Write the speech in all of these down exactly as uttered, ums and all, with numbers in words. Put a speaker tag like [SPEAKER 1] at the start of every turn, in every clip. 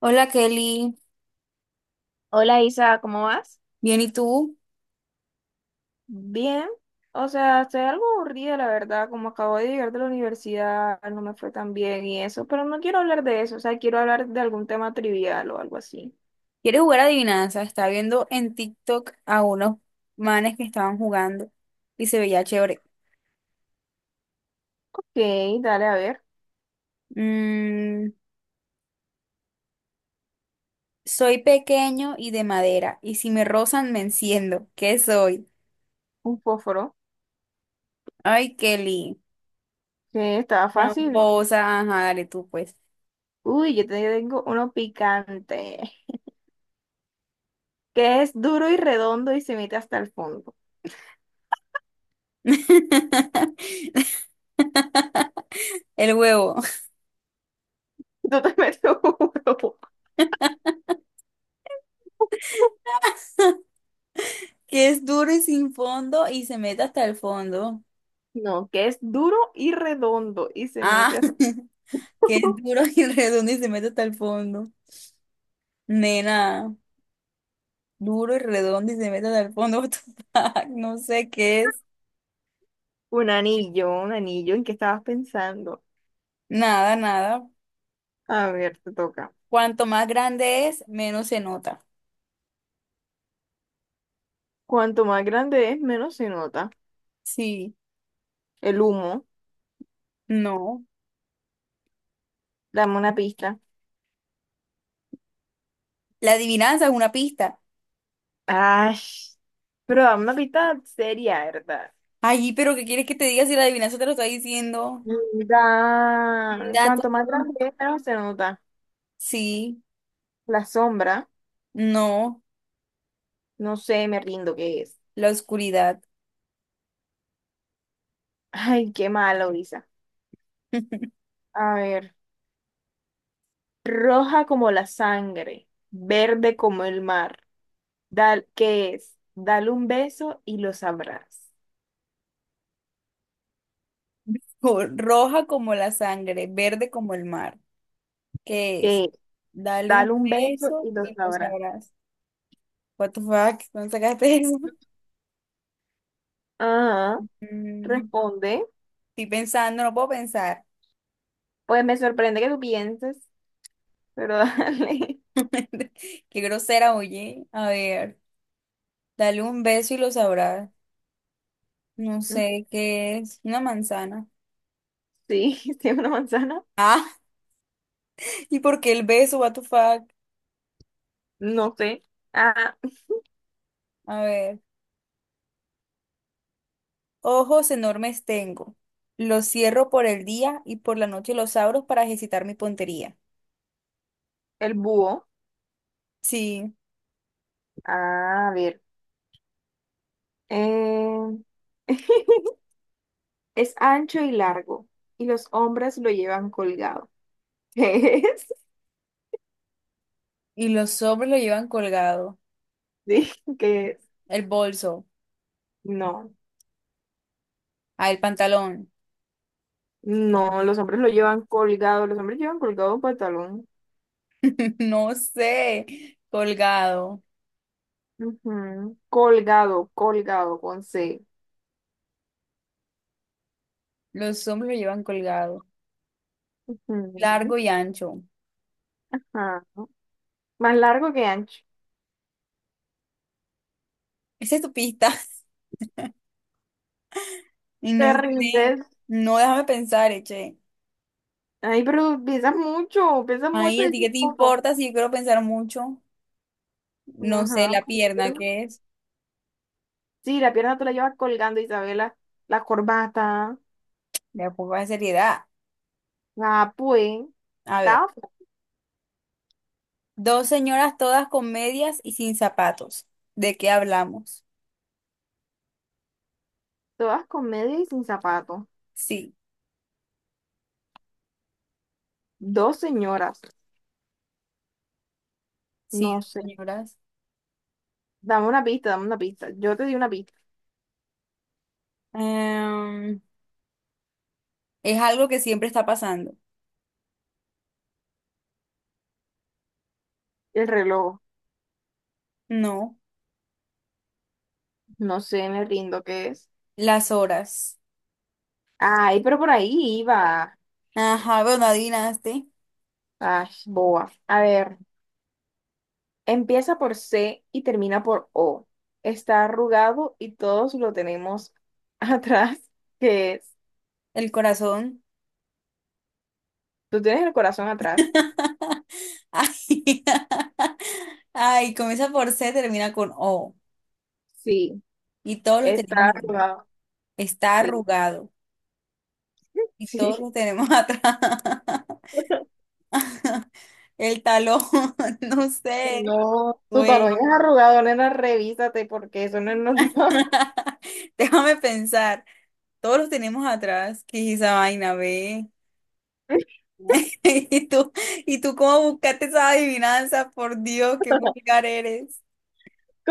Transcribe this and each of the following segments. [SPEAKER 1] Hola Kelly,
[SPEAKER 2] Hola Isa, ¿cómo vas?
[SPEAKER 1] bien ¿y tú?
[SPEAKER 2] Bien, o sea, estoy algo aburrida, la verdad, como acabo de llegar de la universidad, no me fue tan bien y eso, pero no quiero hablar de eso, o sea, quiero hablar de algún tema trivial o algo así.
[SPEAKER 1] ¿Quieres jugar adivinanza? Estaba viendo en TikTok a unos manes que estaban jugando y se veía chévere.
[SPEAKER 2] Ok, dale, a ver,
[SPEAKER 1] Mm, Soy pequeño y de madera y si me rozan me enciendo. ¿Qué soy?
[SPEAKER 2] un fósforo,
[SPEAKER 1] Ay Kelly,
[SPEAKER 2] que estaba fácil.
[SPEAKER 1] tramposa, ajá, dale tú pues.
[SPEAKER 2] Uy, yo te tengo uno picante, que es duro y redondo y se mete hasta el fondo.
[SPEAKER 1] El huevo,
[SPEAKER 2] No te metes uno.
[SPEAKER 1] que es duro y sin fondo y se mete hasta el fondo.
[SPEAKER 2] No, que es duro y redondo y se
[SPEAKER 1] Ah,
[SPEAKER 2] mete hasta...
[SPEAKER 1] que es duro y redondo y se mete hasta el fondo. Nena, duro y redondo y se meten al fondo. What the fuck, no sé qué es.
[SPEAKER 2] Un anillo, un anillo, ¿en qué estabas pensando?
[SPEAKER 1] Nada, nada.
[SPEAKER 2] A ver, te toca.
[SPEAKER 1] Cuanto más grande es, menos se nota.
[SPEAKER 2] Cuanto más grande es, menos se nota.
[SPEAKER 1] Sí,
[SPEAKER 2] El humo.
[SPEAKER 1] no.
[SPEAKER 2] Dame una pista.
[SPEAKER 1] La adivinanza es una pista.
[SPEAKER 2] Ay, pero dame una pista seria, ¿verdad?
[SPEAKER 1] Ay, pero ¿qué quieres que te diga si la adivinanza te lo está diciendo? Un
[SPEAKER 2] Da-
[SPEAKER 1] gato.
[SPEAKER 2] Cuanto más grande es, menos se nota.
[SPEAKER 1] Sí,
[SPEAKER 2] La sombra.
[SPEAKER 1] no.
[SPEAKER 2] No sé, me rindo, ¿qué es?
[SPEAKER 1] La oscuridad.
[SPEAKER 2] Ay, qué malo, Isa. A ver. Roja como la sangre. Verde como el mar. Dal, ¿qué es? Dale un beso y lo sabrás.
[SPEAKER 1] Co- Roja como la sangre, verde como el mar. ¿Qué es?
[SPEAKER 2] ¿Qué?
[SPEAKER 1] Dale
[SPEAKER 2] Dale
[SPEAKER 1] un
[SPEAKER 2] un beso
[SPEAKER 1] peso
[SPEAKER 2] y lo
[SPEAKER 1] y lo
[SPEAKER 2] sabrás.
[SPEAKER 1] sabrás. What the fuck? ¿Dónde sacaste eso?
[SPEAKER 2] Ah.
[SPEAKER 1] Mm,
[SPEAKER 2] Responde.
[SPEAKER 1] Estoy pensando, no puedo pensar.
[SPEAKER 2] Pues me sorprende que tú pienses, pero dale.
[SPEAKER 1] Qué grosera, oye. A ver, dale un beso y lo sabrás. No sé qué es. Una manzana.
[SPEAKER 2] Sí, sí, una manzana.
[SPEAKER 1] Ah, ¿y por qué el beso? What the fuck?
[SPEAKER 2] No sé. Ah,
[SPEAKER 1] A ver. Ojos enormes tengo. Los cierro por el día y por la noche los abro para ejercitar mi puntería.
[SPEAKER 2] el búho.
[SPEAKER 1] Sí,
[SPEAKER 2] Ah, a ver. Eh, Es ancho y largo, y los hombres lo llevan colgado. ¿Qué es?
[SPEAKER 1] y los hombres lo llevan colgado.
[SPEAKER 2] Sí, ¿qué es?
[SPEAKER 1] El bolso.
[SPEAKER 2] No,
[SPEAKER 1] Ah, el pantalón.
[SPEAKER 2] no, los hombres lo llevan colgado, los hombres llevan colgado un pantalón.
[SPEAKER 1] No sé. Colgado.
[SPEAKER 2] Ujú. Colgado, colgado, con C.
[SPEAKER 1] Los hombres lo llevan colgado.
[SPEAKER 2] Ujú.
[SPEAKER 1] Largo y ancho.
[SPEAKER 2] Ajá. Más largo que ancho.
[SPEAKER 1] Esa es tu pista. Y
[SPEAKER 2] Te
[SPEAKER 1] no sé.
[SPEAKER 2] rindes.
[SPEAKER 1] No, déjame pensar, eh, che.
[SPEAKER 2] Ay, pero pesas mucho, pesas
[SPEAKER 1] Ay,
[SPEAKER 2] mucho,
[SPEAKER 1] ¿a ti qué
[SPEAKER 2] dices
[SPEAKER 1] te
[SPEAKER 2] poco.
[SPEAKER 1] importa si yo quiero pensar mucho? No sé,
[SPEAKER 2] Ajá,
[SPEAKER 1] la pierna,
[SPEAKER 2] pues,
[SPEAKER 1] ¿qué es?
[SPEAKER 2] sí, la pierna tú la llevas colgando, Isabela. La corbata,
[SPEAKER 1] De a poco de seriedad.
[SPEAKER 2] la pues,
[SPEAKER 1] A ver.
[SPEAKER 2] tafa.
[SPEAKER 1] Dos señoras todas con medias y sin zapatos. ¿De qué hablamos?
[SPEAKER 2] Todas con media y sin zapato.
[SPEAKER 1] Sí,
[SPEAKER 2] Dos señoras,
[SPEAKER 1] sí,
[SPEAKER 2] no
[SPEAKER 1] dos
[SPEAKER 2] sé.
[SPEAKER 1] señoras.
[SPEAKER 2] Dame una pista, dame una pista. Yo te di una pista.
[SPEAKER 1] Em, es algo que siempre está pasando.
[SPEAKER 2] El reloj,
[SPEAKER 1] No.
[SPEAKER 2] no sé, me rindo qué es.
[SPEAKER 1] Las horas.
[SPEAKER 2] Ay, pero por ahí iba.
[SPEAKER 1] Ajá, bueno, adivinaste.
[SPEAKER 2] Ay, boba. A ver. Empieza por C y termina por O. Está arrugado y todos lo tenemos atrás, que es.
[SPEAKER 1] El corazón.
[SPEAKER 2] Tú tienes el corazón atrás.
[SPEAKER 1] Ay, ay, comienza por C, termina con O.
[SPEAKER 2] Sí,
[SPEAKER 1] Y todos los
[SPEAKER 2] está
[SPEAKER 1] tenemos atrás.
[SPEAKER 2] arrugado.
[SPEAKER 1] Está
[SPEAKER 2] Sí,
[SPEAKER 1] arrugado y todos
[SPEAKER 2] sí.
[SPEAKER 1] los tenemos atrás. El talón, no sé,
[SPEAKER 2] No, tu talón
[SPEAKER 1] güey.
[SPEAKER 2] es arrugado, nena, revísate porque eso no es normal.
[SPEAKER 1] Déjame pensar. Todos los tenemos atrás. ¿Qué es esa vaina, ve? ¿Y tú, y tú cómo buscaste esa adivinanza? Por Dios, qué vulgar eres.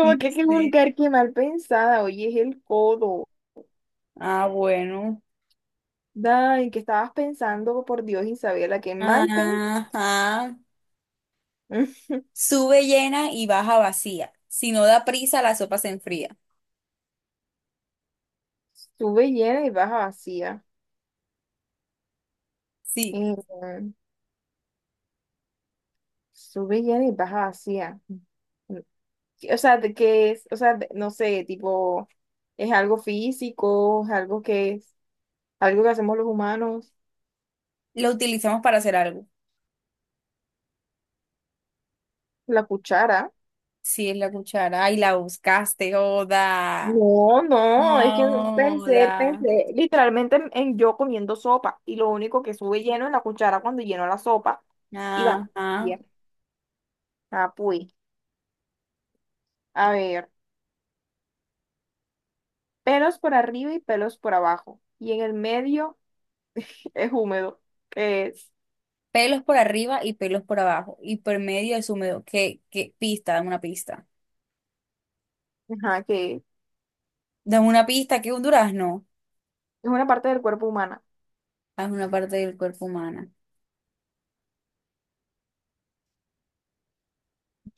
[SPEAKER 1] No
[SPEAKER 2] que qué
[SPEAKER 1] sé.
[SPEAKER 2] vulgar, qué mal pensada. Oye, es el codo.
[SPEAKER 1] Ah, bueno.
[SPEAKER 2] Ay, ¿qué estabas pensando? Por Dios, Isabela, qué mal pensada.
[SPEAKER 1] Ajá. Sube llena y baja vacía. Si no da prisa, la sopa se enfría.
[SPEAKER 2] Sube llena y baja vacía.
[SPEAKER 1] Sí,
[SPEAKER 2] Eh, sube villana y baja vacía. Mm, o sea, de que es, o sea, de- no sé, tipo, es algo físico, es algo que es, algo que hacemos los humanos,
[SPEAKER 1] lo utilizamos para hacer algo.
[SPEAKER 2] la cuchara.
[SPEAKER 1] Sí, es la cuchara. Ay, la buscaste, Oda.
[SPEAKER 2] No, no, es que
[SPEAKER 1] No,
[SPEAKER 2] pensé,
[SPEAKER 1] Oda.
[SPEAKER 2] pensé literalmente en, en yo comiendo sopa y lo único que sube lleno es la cuchara cuando lleno la sopa y va
[SPEAKER 1] Ajá.
[SPEAKER 2] bien. Ah, pues, a ver, pelos por arriba y pelos por abajo y en el medio es húmedo, que es,
[SPEAKER 1] Pelos por arriba y pelos por abajo. Y por medio es húmedo. ¿Qué, qué pista? Dame una pista.
[SPEAKER 2] ajá, que es
[SPEAKER 1] Dame una pista, que es un durazno.
[SPEAKER 2] una parte del cuerpo humana.
[SPEAKER 1] Es una parte del cuerpo humana.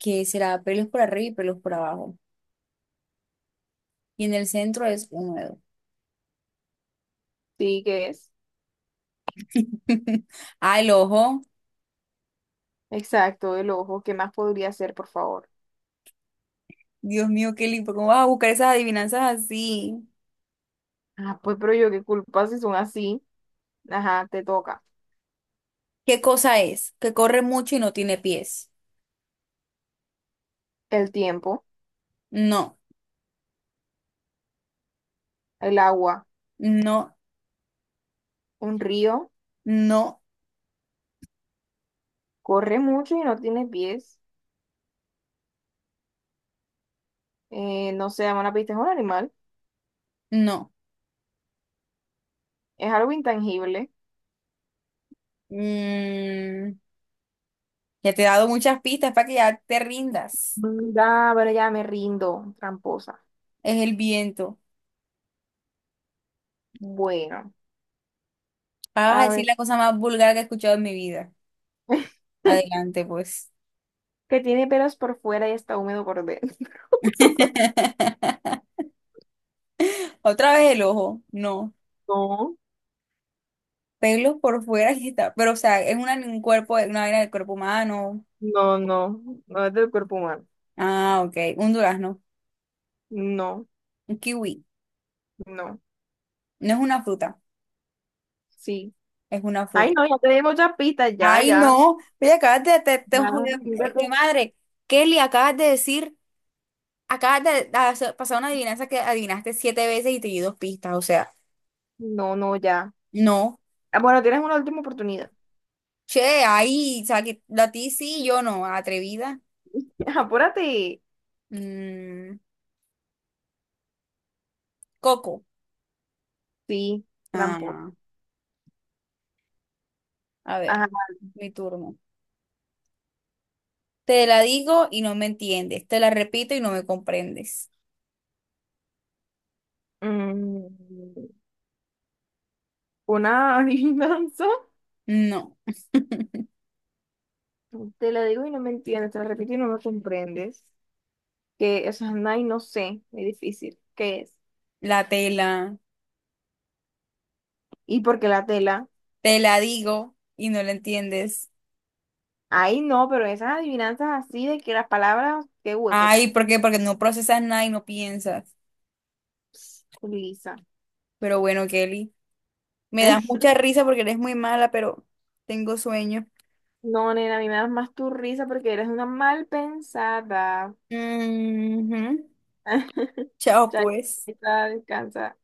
[SPEAKER 1] Que será pelos por arriba y pelos por abajo. Y en el centro es húmedo.
[SPEAKER 2] Sí, que es.
[SPEAKER 1] Ah, el ojo.
[SPEAKER 2] Exacto, el ojo. ¿Qué más podría ser, por favor?
[SPEAKER 1] Dios mío, qué lindo. ¿Cómo vas a buscar esas adivinanzas así?
[SPEAKER 2] Ah, pues, pero yo qué culpa si son así. Ajá, te toca.
[SPEAKER 1] ¿Qué cosa es? Que corre mucho y no tiene pies.
[SPEAKER 2] El tiempo,
[SPEAKER 1] No,
[SPEAKER 2] el agua,
[SPEAKER 1] no,
[SPEAKER 2] un río,
[SPEAKER 1] no.
[SPEAKER 2] corre mucho y no tiene pies. Eh, no se llama una pista, es un animal.
[SPEAKER 1] No.
[SPEAKER 2] Es algo intangible.
[SPEAKER 1] Mm, ya te he dado muchas pistas para que ya te rindas.
[SPEAKER 2] Mm, ah, pero ya me rindo, tramposa.
[SPEAKER 1] Es el viento.
[SPEAKER 2] Bueno,
[SPEAKER 1] Ah, vas a
[SPEAKER 2] a ver.
[SPEAKER 1] decir la cosa más vulgar que he escuchado en mi vida. Adelante, pues.
[SPEAKER 2] Que tiene pelos por fuera y está húmedo por dentro.
[SPEAKER 1] Otra vez el ojo. No.
[SPEAKER 2] No,
[SPEAKER 1] Pelos por fuera y está. Pero, o sea, es una, un cuerpo, una vaina del cuerpo humano.
[SPEAKER 2] no, no, no es del cuerpo humano.
[SPEAKER 1] Ah, ok. Un durazno.
[SPEAKER 2] No,
[SPEAKER 1] Un kiwi.
[SPEAKER 2] no.
[SPEAKER 1] No es una fruta.
[SPEAKER 2] Sí.
[SPEAKER 1] Es una
[SPEAKER 2] Ay,
[SPEAKER 1] fruta.
[SPEAKER 2] no, ya te di muchas pistas, ya,
[SPEAKER 1] Ay,
[SPEAKER 2] ya.
[SPEAKER 1] no. Oye, acabas de, te, te-
[SPEAKER 2] Ya,
[SPEAKER 1] joder, eh,
[SPEAKER 2] mírate.
[SPEAKER 1] jue madre. Kelly, acabas de decir. Acabas de hacer- pasar una adivinanza que adivinaste siete veces y te di dos pistas, o sea,
[SPEAKER 2] No, no, ya.
[SPEAKER 1] no.
[SPEAKER 2] Ah, bueno, tienes una última oportunidad.
[SPEAKER 1] Che, ahí, o sea, que a ti sí, yo no, atrevida.
[SPEAKER 2] Apúrate.
[SPEAKER 1] Mm, Coco.
[SPEAKER 2] Sí, tramposo.
[SPEAKER 1] Ah, a ver,
[SPEAKER 2] Ajá.
[SPEAKER 1] mi turno. Te la digo y no me entiendes, te la repito y no me comprendes.
[SPEAKER 2] Mm, una adivinanza.
[SPEAKER 1] No,
[SPEAKER 2] Te la digo y no me entiendes, te la repito y no me comprendes. Que eso es ay, no sé, muy difícil. ¿Qué es?
[SPEAKER 1] la tela,
[SPEAKER 2] ¿Y por qué la tela?
[SPEAKER 1] te la digo y no la entiendes.
[SPEAKER 2] Ay, no, pero esas adivinanzas así de que las palabras, qué hueso.
[SPEAKER 1] Ay, ¿por qué? Porque no procesas nada y no piensas.
[SPEAKER 2] Pss, Lisa.
[SPEAKER 1] Pero bueno, Kelly, me das mucha risa porque eres muy mala, pero tengo sueño.
[SPEAKER 2] No, nena, a mí me das más tu risa porque eres una mal pensada.
[SPEAKER 1] Ujú. Chao, pues.
[SPEAKER 2] Chaita, descansa.